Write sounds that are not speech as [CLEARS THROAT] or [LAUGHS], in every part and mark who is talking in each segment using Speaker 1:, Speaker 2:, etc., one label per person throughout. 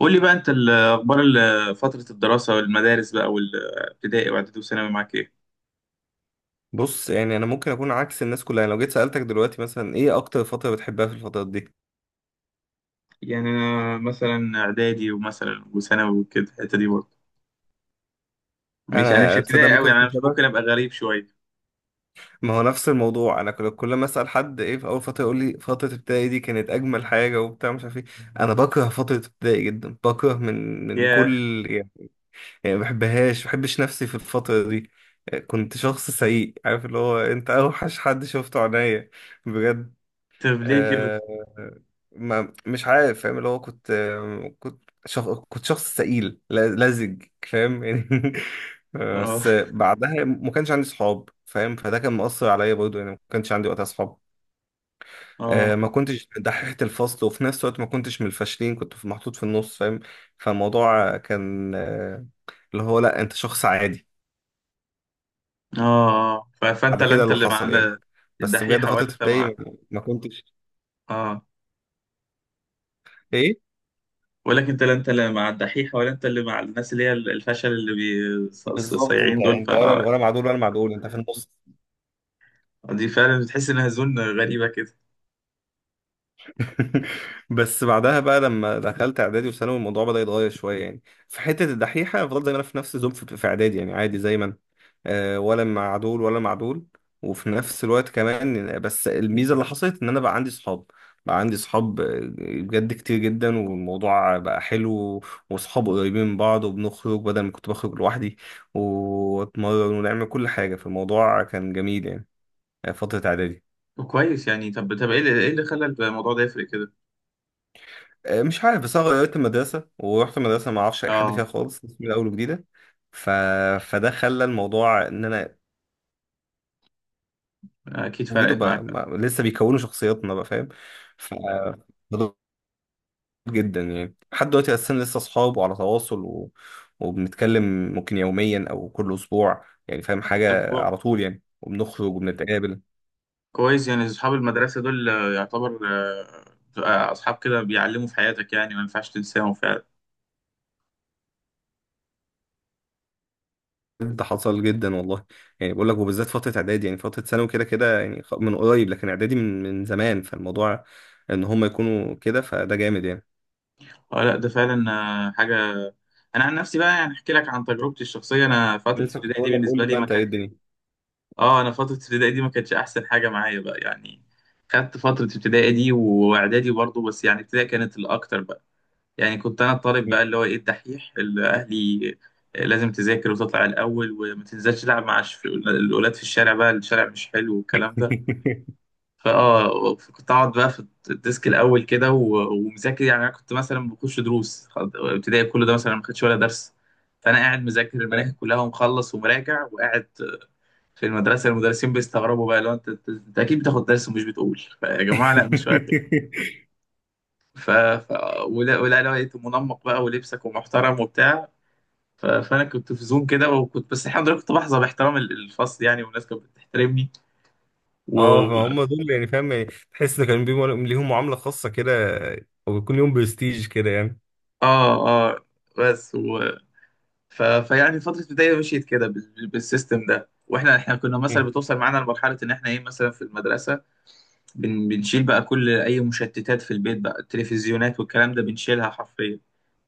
Speaker 1: قول لي بقى انت اخبار فترة الدراسة والمدارس بقى، والابتدائي واعدادي وثانوي معاك ايه؟
Speaker 2: بص، يعني انا ممكن اكون عكس الناس كلها. يعني لو جيت سالتك دلوقتي مثلا، ايه اكتر فتره بتحبها في الفترات دي؟
Speaker 1: يعني انا مثلا اعدادي ومثلا وثانوي وكده الحتة دي برضه. مش انا مش
Speaker 2: انا تصدق
Speaker 1: ابتدائي قوي،
Speaker 2: ممكن
Speaker 1: يعني انا
Speaker 2: اكون
Speaker 1: مش ممكن
Speaker 2: شبك.
Speaker 1: ابقى غريب شوية.
Speaker 2: ما هو نفس الموضوع، انا كل ما اسال حد ايه في اول فتره يقول لي فتره ابتدائي دي كانت اجمل حاجه وبتاع مش عارف ايه. انا بكره فتره ابتدائي جدا، بكره من
Speaker 1: ياه.
Speaker 2: كل يعني. يعني ما بحبهاش، ما بحبش نفسي في الفتره دي. كنت شخص سيء، عارف اللي هو انت اوحش حد شفته عينيا بجد.
Speaker 1: طب ليه كده؟
Speaker 2: آه، ما مش عارف، فاهم اللي هو كنت كنت شخص ثقيل، لزج، فاهم يعني. [LAUGHS]
Speaker 1: اه،
Speaker 2: بس بعدها ما كانش عندي صحاب، فاهم، فده كان مؤثر عليا برضه يعني، ما كانش عندي وقتها صحاب.
Speaker 1: اه،
Speaker 2: ما كنتش دحيحة الفصل، وفي نفس الوقت ما كنتش من الفاشلين، كنت محطوط في النص، فاهم. فالموضوع كان اللي هو لا، انت شخص عادي.
Speaker 1: اه، اه. فانت
Speaker 2: بعد
Speaker 1: لا
Speaker 2: كده
Speaker 1: انت
Speaker 2: اللي
Speaker 1: اللي مع
Speaker 2: حصل يعني، بس بجد
Speaker 1: الدحيحة
Speaker 2: فترة
Speaker 1: ولا انت
Speaker 2: ابتدائي
Speaker 1: مع
Speaker 2: ما ما كنتش
Speaker 1: اه،
Speaker 2: ايه.
Speaker 1: بقول لك انت لا انت اللي مع الدحيحة ولا انت اللي مع الناس اللي هي الفشل، اللي
Speaker 2: بالظبط،
Speaker 1: صايعين
Speaker 2: انت
Speaker 1: دول،
Speaker 2: انت ولا
Speaker 1: فدي
Speaker 2: ولا مع دول ولا مع دول، انت في النص.
Speaker 1: فعلا بتحس انها زون غريبة كده.
Speaker 2: بس بعدها بقى لما دخلت اعدادي وثانوي الموضوع بدأ يتغير شويه يعني. في حته الدحيحه فضلت زي ما انا في نفس الزوم، في اعدادي يعني عادي زي ما انا. ولا مع دول ولا مع دول. وفي نفس الوقت كمان، بس الميزه اللي حصلت ان انا بقى عندي صحاب، بقى عندي صحاب. بجد كتير جدا، والموضوع بقى حلو. وصحاب قريبين من بعض، وبنخرج بدل ما كنت بخرج لوحدي، واتمرن ونعمل كل حاجه، فالموضوع كان جميل يعني. فتره اعدادي.
Speaker 1: كويس يعني. طب ايه اللي خلى الموضوع ده يفرق كده؟
Speaker 2: مش عارف، بس انا غيرت المدرسه ورحت مدرسه ما اعرفش اي حد
Speaker 1: اه،
Speaker 2: فيها خالص، من الاول وجديده. ف... فده خلى الموضوع ان انا
Speaker 1: اكيد
Speaker 2: جديد،
Speaker 1: فرقت
Speaker 2: وبقى
Speaker 1: معاك.
Speaker 2: ما... لسه بيكونوا شخصياتنا بقى، فاهم. ف مضغوط جدا يعني، لحد دلوقتي اساسا لسه اصحاب وعلى تواصل وبنتكلم. ممكن يوميا او كل اسبوع يعني، فاهم،
Speaker 1: طب
Speaker 2: حاجه على طول يعني، وبنخرج وبنتقابل.
Speaker 1: كويس، يعني اصحاب المدرسه دول يعتبر اصحاب كده بيعلموا في حياتك يعني، ما ينفعش تنساهم فعلا.
Speaker 2: ده حصل جدا والله، يعني بقول لك، وبالذات فترة اعدادي يعني، فترة ثانوي كده كده يعني من قريب، لكن اعدادي من زمان. فالموضوع ان هم يكونوا كده فده جامد يعني.
Speaker 1: اه لا ده فعلا حاجه. انا عن نفسي بقى يعني احكي لك عن تجربتي الشخصيه، انا فتره
Speaker 2: لسه كنت
Speaker 1: ابتدائي دي
Speaker 2: اقول لك، قول
Speaker 1: بالنسبه
Speaker 2: لي
Speaker 1: لي
Speaker 2: بقى
Speaker 1: ما
Speaker 2: انت، ايه
Speaker 1: كانت،
Speaker 2: الدنيا؟
Speaker 1: اه، انا فتره ابتدائي دي ما كانتش احسن حاجه معايا بقى يعني. خدت فتره ابتدائي دي واعدادي برضه، بس يعني ابتدائي كانت الاكتر بقى. يعني كنت انا الطالب بقى، اللي هو ايه، الدحيح، اللي اهلي لازم تذاكر وتطلع الاول وما تنزلش تلعب مع الاولاد في الشارع، بقى الشارع مش حلو والكلام ده.
Speaker 2: [LAUGHS]
Speaker 1: فاه، كنت اقعد بقى في الديسك الاول كده ومذاكر. يعني انا كنت مثلا بخش دروس، ابتدائي كله ده مثلا ما خدش ولا درس. فانا قاعد مذاكر المناهج كلها ومخلص ومراجع وقاعد. في المدرسه المدرسين بيستغربوا بقى، لو انت انت أنت اكيد بتاخد درس ومش بتقول، يا جماعه لا مش واخد. ف... ف... ولا لقيت منمق بقى ولبسك ومحترم وبتاع. فانا كنت في زوم كده، وكنت بس الحمد لله كنت بحظى باحترام الفصل يعني، والناس كانت بتحترمني. و
Speaker 2: اه،
Speaker 1: و-
Speaker 2: فهم دول يعني، فاهم يعني، تحس ان كان بيهم، ليهم معاملة خاصة كده، او بيكون ليهم برستيج كده يعني.
Speaker 1: اه، اه، بس فيعني فتره البدايه مشيت كده بالسيستم ده، واحنا كنا مثلا
Speaker 2: مم.
Speaker 1: بتوصل معانا لمرحله ان احنا ايه، مثلا في المدرسه بنشيل بقى كل اي مشتتات في البيت بقى، التلفزيونات والكلام ده بنشيلها حرفيا.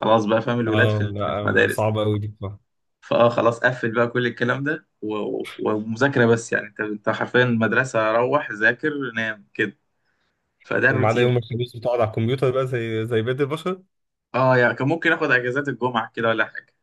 Speaker 1: خلاص بقى، فاهم، الولاد
Speaker 2: اه
Speaker 1: في
Speaker 2: لا،
Speaker 1: المدارس.
Speaker 2: صعبة قوي دي بصراحة.
Speaker 1: فاه خلاص قفل بقى كل الكلام ده ومذاكره بس. يعني انت حرفيا، المدرسه روح ذاكر نام كده، فده
Speaker 2: وما عدا
Speaker 1: الروتين.
Speaker 2: يوم الخميس بتقعد على الكمبيوتر بقى، زي بقية البشر.
Speaker 1: اه يعني كان ممكن اخد اجازات الجمعة كده ولا حاجة.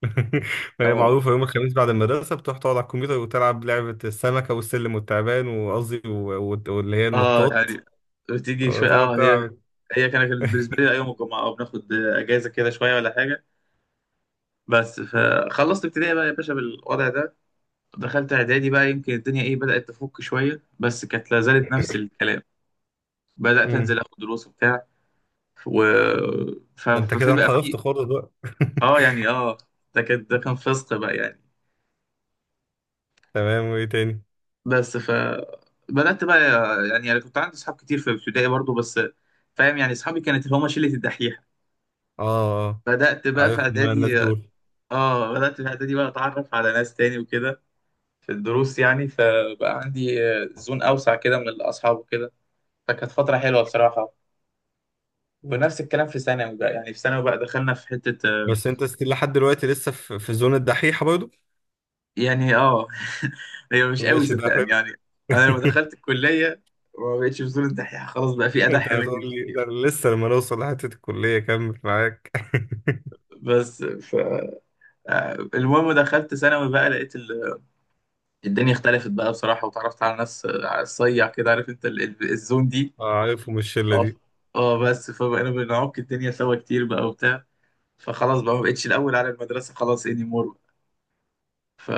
Speaker 2: [LAUGHS] هي
Speaker 1: أو
Speaker 2: معروفة، يوم الخميس بعد المدرسة بتروح تقعد على الكمبيوتر وتلعب لعبة السمكة والسلم والتعبان، وقصدي واللي هي
Speaker 1: اه،
Speaker 2: النطاط،
Speaker 1: يعني بتيجي شوية،
Speaker 2: وتقعد
Speaker 1: اه، هي،
Speaker 2: تلعب.
Speaker 1: هي كانت بالنسبة لي يوم الجمعة، اه بناخد اجازة كده شوية ولا حاجة. بس فخلصت ابتدائي بقى يا باشا بالوضع ده. دخلت اعدادي بقى، يمكن الدنيا ايه، بدأت تفك شوية، بس كانت لا زالت نفس
Speaker 2: [LAUGHS]
Speaker 1: الكلام. بدأت
Speaker 2: مم.
Speaker 1: انزل اخد دروس وبتاع، و
Speaker 2: ده انت كده
Speaker 1: ففي بقى
Speaker 2: انحرفت
Speaker 1: في.
Speaker 2: خالص بقى.
Speaker 1: اه
Speaker 2: [LAUGHS]
Speaker 1: يعني، اه، ده كان فسق بقى يعني.
Speaker 2: تمام، وايه تاني؟
Speaker 1: بس بدأت بقى، يعني انا كنت عندي اصحاب كتير في ابتدائي برضو، بس فاهم يعني اصحابي كانت اللي هما شلة الدحيحة.
Speaker 2: اه، اه،
Speaker 1: بدأت بقى في
Speaker 2: عارفهم انا الناس
Speaker 1: اعدادي،
Speaker 2: دول.
Speaker 1: اه بدأت في اعدادي بقى اتعرف على ناس تاني وكده، في الدروس يعني، فبقى عندي زون اوسع كده من الاصحاب وكده. فكانت فترة حلوة بصراحة. ونفس الكلام في ثانوي بقى، يعني في ثانوي بقى دخلنا في حتة
Speaker 2: بس انت ستيل لحد دلوقتي، لسه في زون الدحيحة برضه.
Speaker 1: يعني اه. [LAUGHS] هي مش قوي
Speaker 2: ماشي، ده
Speaker 1: صدقني
Speaker 2: حلو.
Speaker 1: يعني. انا لما
Speaker 2: [LAUGHS]
Speaker 1: دخلت الكلية ما بقتش في زون الدحيحة، خلاص بقى في
Speaker 2: انت
Speaker 1: ادح مني
Speaker 2: هتقول لي ده،
Speaker 1: بكتير.
Speaker 2: أنا لسه لما نوصل لحتة الكلية كمل معاك. [LAUGHS]
Speaker 1: بس المهم دخلت ثانوي بقى، لقيت الدنيا اختلفت بقى بصراحة، وتعرفت على ناس على الصيع كده، عارف انت الزون دي.
Speaker 2: اه، عارفهم الشلة
Speaker 1: اه،
Speaker 2: دي.
Speaker 1: اه، بس فبقينا بنعك الدنيا سوا كتير بقى وبتاع. فخلاص بقى ما بقتش الأول على المدرسة خلاص، اني مور. ف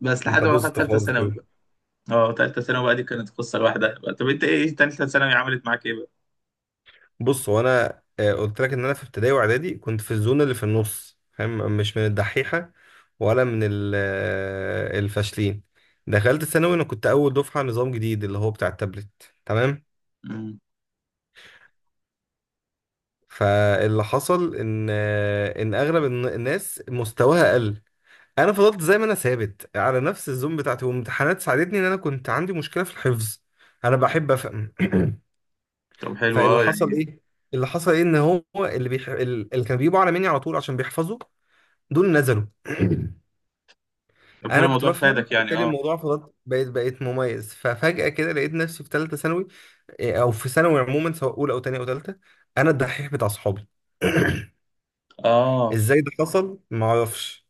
Speaker 1: بس
Speaker 2: انت
Speaker 1: لحد ما دخلت
Speaker 2: بوظت
Speaker 1: تالتة
Speaker 2: خالص.
Speaker 1: ثانوي بقى. اه، تالتة ثانوي بقى دي كانت قصة لوحدها بقى. طب انت ايه، تالتة ثانوي عملت معاك ايه بقى؟
Speaker 2: بص، هو انا قلت لك ان انا في ابتدائي واعدادي كنت في الزون اللي في النص، فاهم، مش من الدحيحه ولا من الفاشلين. دخلت ثانوي، انا كنت اول دفعه نظام جديد اللي هو بتاع التابلت، تمام.
Speaker 1: مم.
Speaker 2: فاللي حصل ان اغلب الناس مستواها قل. انا فضلت زي ما انا ثابت على نفس الزون بتاعتي، وامتحانات ساعدتني، ان انا كنت عندي مشكله في الحفظ، انا بحب افهم.
Speaker 1: طب
Speaker 2: [CLEARS THROAT]
Speaker 1: حلو
Speaker 2: فاللي
Speaker 1: اه
Speaker 2: حصل
Speaker 1: يعني.
Speaker 2: ايه اللي حصل ايه ان هو اللي كان بيجيبوا اعلى مني على طول عشان بيحفظوا دول نزلوا. [CLEARS THROAT]
Speaker 1: طب حلو،
Speaker 2: انا كنت
Speaker 1: الموضوع
Speaker 2: بفهم،
Speaker 1: فادك يعني،
Speaker 2: فبالتالي
Speaker 1: اه،
Speaker 2: الموضوع فضلت، بقيت مميز، ففجأة كده لقيت نفسي في ثالثة ثانوي. او في ثانوي عموما، سواء اولى او ثانية او ثالثة، انا الدحيح بتاع صحابي. [CLEARS THROAT]
Speaker 1: اه.
Speaker 2: ازاي ده حصل، ما اعرفش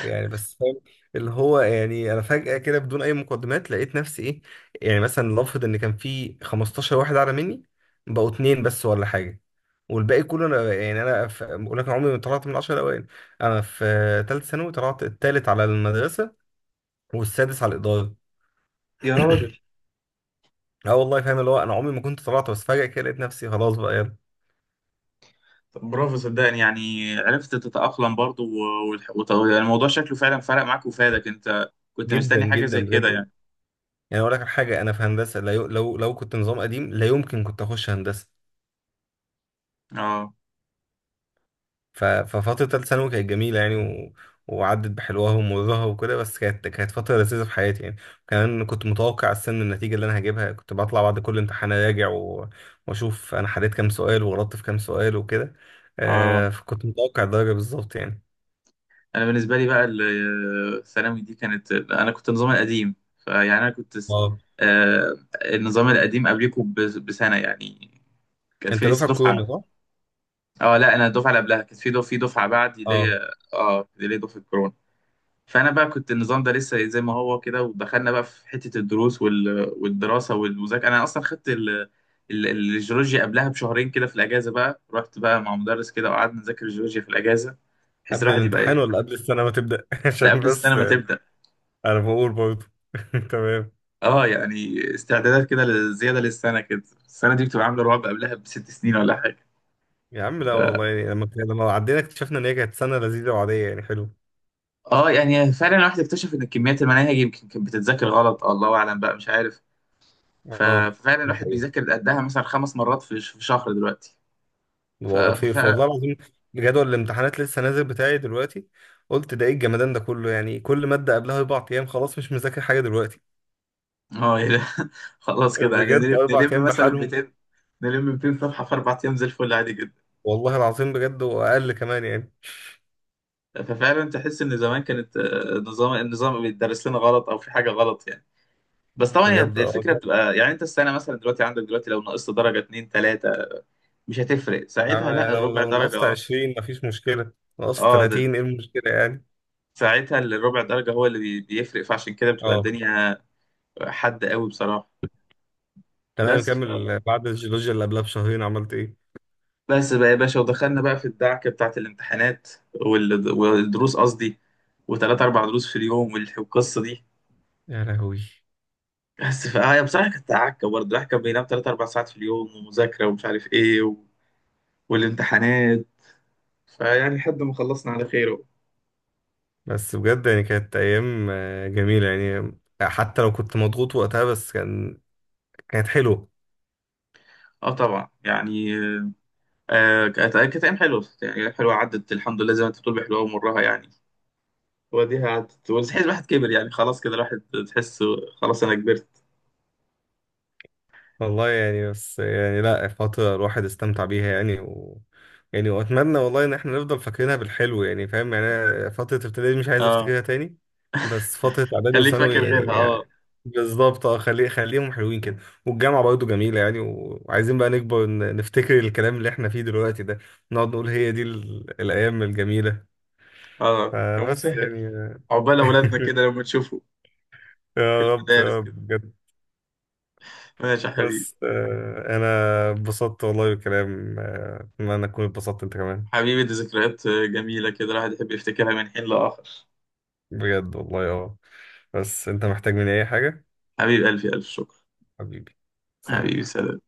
Speaker 2: يعني، بس فاهم اللي هو يعني، انا فجأة كده بدون اي مقدمات لقيت نفسي ايه. يعني مثلا لنفرض ان كان في 15 واحد اعلى مني، بقوا اتنين بس ولا حاجة. والباقي كله انا يعني، انا بقول لك أنا عمري ما طلعت من العشرة الاوائل. انا في ثالث ثانوي طلعت الثالث على المدرسة، والسادس على الإدارة.
Speaker 1: يا راجل.
Speaker 2: [CLEARS THROAT] اه والله، فاهم اللي هو انا عمري ما كنت طلعت، بس فجأة كده لقيت نفسي خلاص بقى يلا.
Speaker 1: طب برافو، صدقني يعني عرفت تتأقلم برضو، يعني الموضوع شكله فعلا فرق معاك وفادك، انت كنت
Speaker 2: جدا
Speaker 1: مستني حاجة زي
Speaker 2: جدا
Speaker 1: كده
Speaker 2: بجد.
Speaker 1: يعني.
Speaker 2: يعني اقول لك على حاجة، انا في هندسة لا، لو كنت نظام قديم لا يمكن كنت اخش هندسة.
Speaker 1: اه،
Speaker 2: ففترة تالتة ثانوي كانت جميلة يعني، وعدت بحلوها ومرها وكده، بس كانت فترة لذيذة في حياتي يعني. كمان كنت متوقع السن النتيجة اللي أنا هجيبها، كنت بطلع بعد كل امتحان أراجع وأشوف أنا حليت كام سؤال وغلطت في كام سؤال وكده.
Speaker 1: اه.
Speaker 2: فكنت متوقع الدرجة بالظبط يعني.
Speaker 1: انا بالنسبة لي بقى الثانوي دي كانت، انا كنت النظام القديم، فيعني انا كنت
Speaker 2: اه،
Speaker 1: النظام القديم قبلكم بسنة يعني. كانت في
Speaker 2: أنت
Speaker 1: لسه
Speaker 2: دفعة كورونا
Speaker 1: دفعة،
Speaker 2: صح؟
Speaker 1: اه لا، انا الدفعة اللي قبلها، كانت في دفعة بعدي اللي
Speaker 2: اه،
Speaker 1: هي اه اللي هي دفعة كورونا. فانا بقى كنت النظام ده لسه زي ما هو كده، ودخلنا بقى في حته الدروس والدراسه والمذاكره. انا اصلا خدت الجيولوجيا قبلها بشهرين كده في الاجازه بقى، رحت بقى مع مدرس كده وقعدنا نذاكر الجيولوجيا في الاجازه، بحيث
Speaker 2: قبل
Speaker 1: الواحد يبقى
Speaker 2: الامتحان
Speaker 1: ايه.
Speaker 2: ولا قبل السنة ما تبدأ؟ [LAUGHS]
Speaker 1: لا
Speaker 2: عشان
Speaker 1: قبل السنه
Speaker 2: بس
Speaker 1: ما تبدا،
Speaker 2: أنا بقول برضه. [LAUGHS] تمام.
Speaker 1: اه يعني استعدادات كده زياده للسنه كده. السنه دي بتبقى عامله رعب قبلها ب6 سنين ولا حاجه.
Speaker 2: يا عم لا والله يعني، لما عدينا اكتشفنا إن هي كانت سنة لذيذة وعادية يعني حلوة.
Speaker 1: اه يعني فعلا الواحد اكتشف ان كميات المناهج يمكن كانت بتتذاكر غلط، الله اعلم بقى مش عارف.
Speaker 2: اه،
Speaker 1: ففعلا
Speaker 2: دي
Speaker 1: الواحد
Speaker 2: حقيقة.
Speaker 1: بيذاكر قدها مثلا 5 مرات في شهر دلوقتي. ف
Speaker 2: والله في،
Speaker 1: ف-
Speaker 2: والله العظيم، جدول الامتحانات لسه نازل بتاعي دلوقتي. قلت ده ايه الجمدان ده كله؟ يعني كل مادة قبلها 4 ايام، خلاص مش مذاكر حاجة دلوقتي.
Speaker 1: اه ايه ده. [LAUGHS] خلاص كده يعني،
Speaker 2: بجد،
Speaker 1: نلم
Speaker 2: اربع ايام
Speaker 1: مثلا
Speaker 2: بحالهم.
Speaker 1: 200، نلم 200 صفحة في 4 أيام زي الفل عادي جدا.
Speaker 2: والله العظيم بجد، واقل كمان يعني.
Speaker 1: ففعلا تحس إن زمان كانت، نظام بيدرس لنا غلط، أو في حاجة غلط يعني. بس طبعا هي
Speaker 2: بجد، اه،
Speaker 1: الفكرة
Speaker 2: كده.
Speaker 1: بتبقى يعني، أنت السنة مثلا دلوقتي عندك دلوقتي، لو نقصت درجة اتنين تلاتة مش هتفرق ساعتها،
Speaker 2: يعني
Speaker 1: لا
Speaker 2: لو
Speaker 1: الربع
Speaker 2: لو نقصت
Speaker 1: درجة.
Speaker 2: 20 مفيش مشكلة، نقصت
Speaker 1: اه ده،
Speaker 2: 30 ايه المشكلة يعني.
Speaker 1: ساعتها الربع درجة هو اللي بيفرق. فعشان كده بتبقى
Speaker 2: اه،
Speaker 1: الدنيا حد قوي بصراحة.
Speaker 2: تمام.
Speaker 1: بس
Speaker 2: كمل، بعد الجيولوجيا اللي قبلها بشهرين عملت ايه؟
Speaker 1: بس بقى يا باشا ودخلنا بقى في الدعكة بتاعة الامتحانات والدروس قصدي، وثلاث أربع دروس في اليوم والقصة دي.
Speaker 2: يا لهوي.
Speaker 1: بس فهي بصراحة كانت عكة برضه، الواحد كان بينام تلات أربع ساعات في اليوم ومذاكرة ومش عارف إيه والامتحانات. فيعني لحد ما خلصنا على خير أهو.
Speaker 2: بس بجد يعني، كانت ايام جميلة يعني، حتى لو كنت مضغوط وقتها، بس كانت حلوة.
Speaker 1: اه طبعا يعني. آه، كانت ايام حلوه يعني، ايام حلوه عدت الحمد لله، زي ما انت بتقول بحلوها ومرها يعني. وديها عدت، وتحس الواحد كبر يعني، خلاص كده الواحد تحس خلاص، انا كبرت.
Speaker 2: والله يعني، بس يعني لا، فترة الواحد استمتع بيها يعني، يعني واتمنى والله ان احنا نفضل فاكرينها بالحلو يعني، فاهم يعني، أنا فترة ابتدائي دي مش عايز
Speaker 1: اه،
Speaker 2: افتكرها تاني. بس فترة اعدادي
Speaker 1: خليك
Speaker 2: وثانوي،
Speaker 1: فاكر
Speaker 2: يعني,
Speaker 1: غيرها اه.
Speaker 2: يعني بالظبط، اه، خليهم حلوين كده. والجامعة برضه جميلة يعني، وعايزين بقى نكبر، نفتكر الكلام اللي احنا فيه دلوقتي ده، نقعد نقول هي دي الايام الجميلة.
Speaker 1: اه يا
Speaker 2: فبس
Speaker 1: مسهل.
Speaker 2: يعني.
Speaker 1: عقبال أولادنا كده
Speaker 2: [LAUGHS]
Speaker 1: لما تشوفوا في
Speaker 2: يا رب
Speaker 1: المدارس
Speaker 2: يا رب
Speaker 1: كده.
Speaker 2: بجد.
Speaker 1: ماشي يا حبيبي.
Speaker 2: بس انا اتبسطت والله بالكلام، اتمنى ان اكون اتبسطت انت كمان.
Speaker 1: حبيبي دي ذكريات جميلة كده الواحد يحب يفتكرها من حين لآخر.
Speaker 2: بجد والله، اه. بس انت محتاج مني اي حاجة؟
Speaker 1: حبيب قلبي، ألف شكر.
Speaker 2: حبيبي، سلام.
Speaker 1: حبيبي سلام.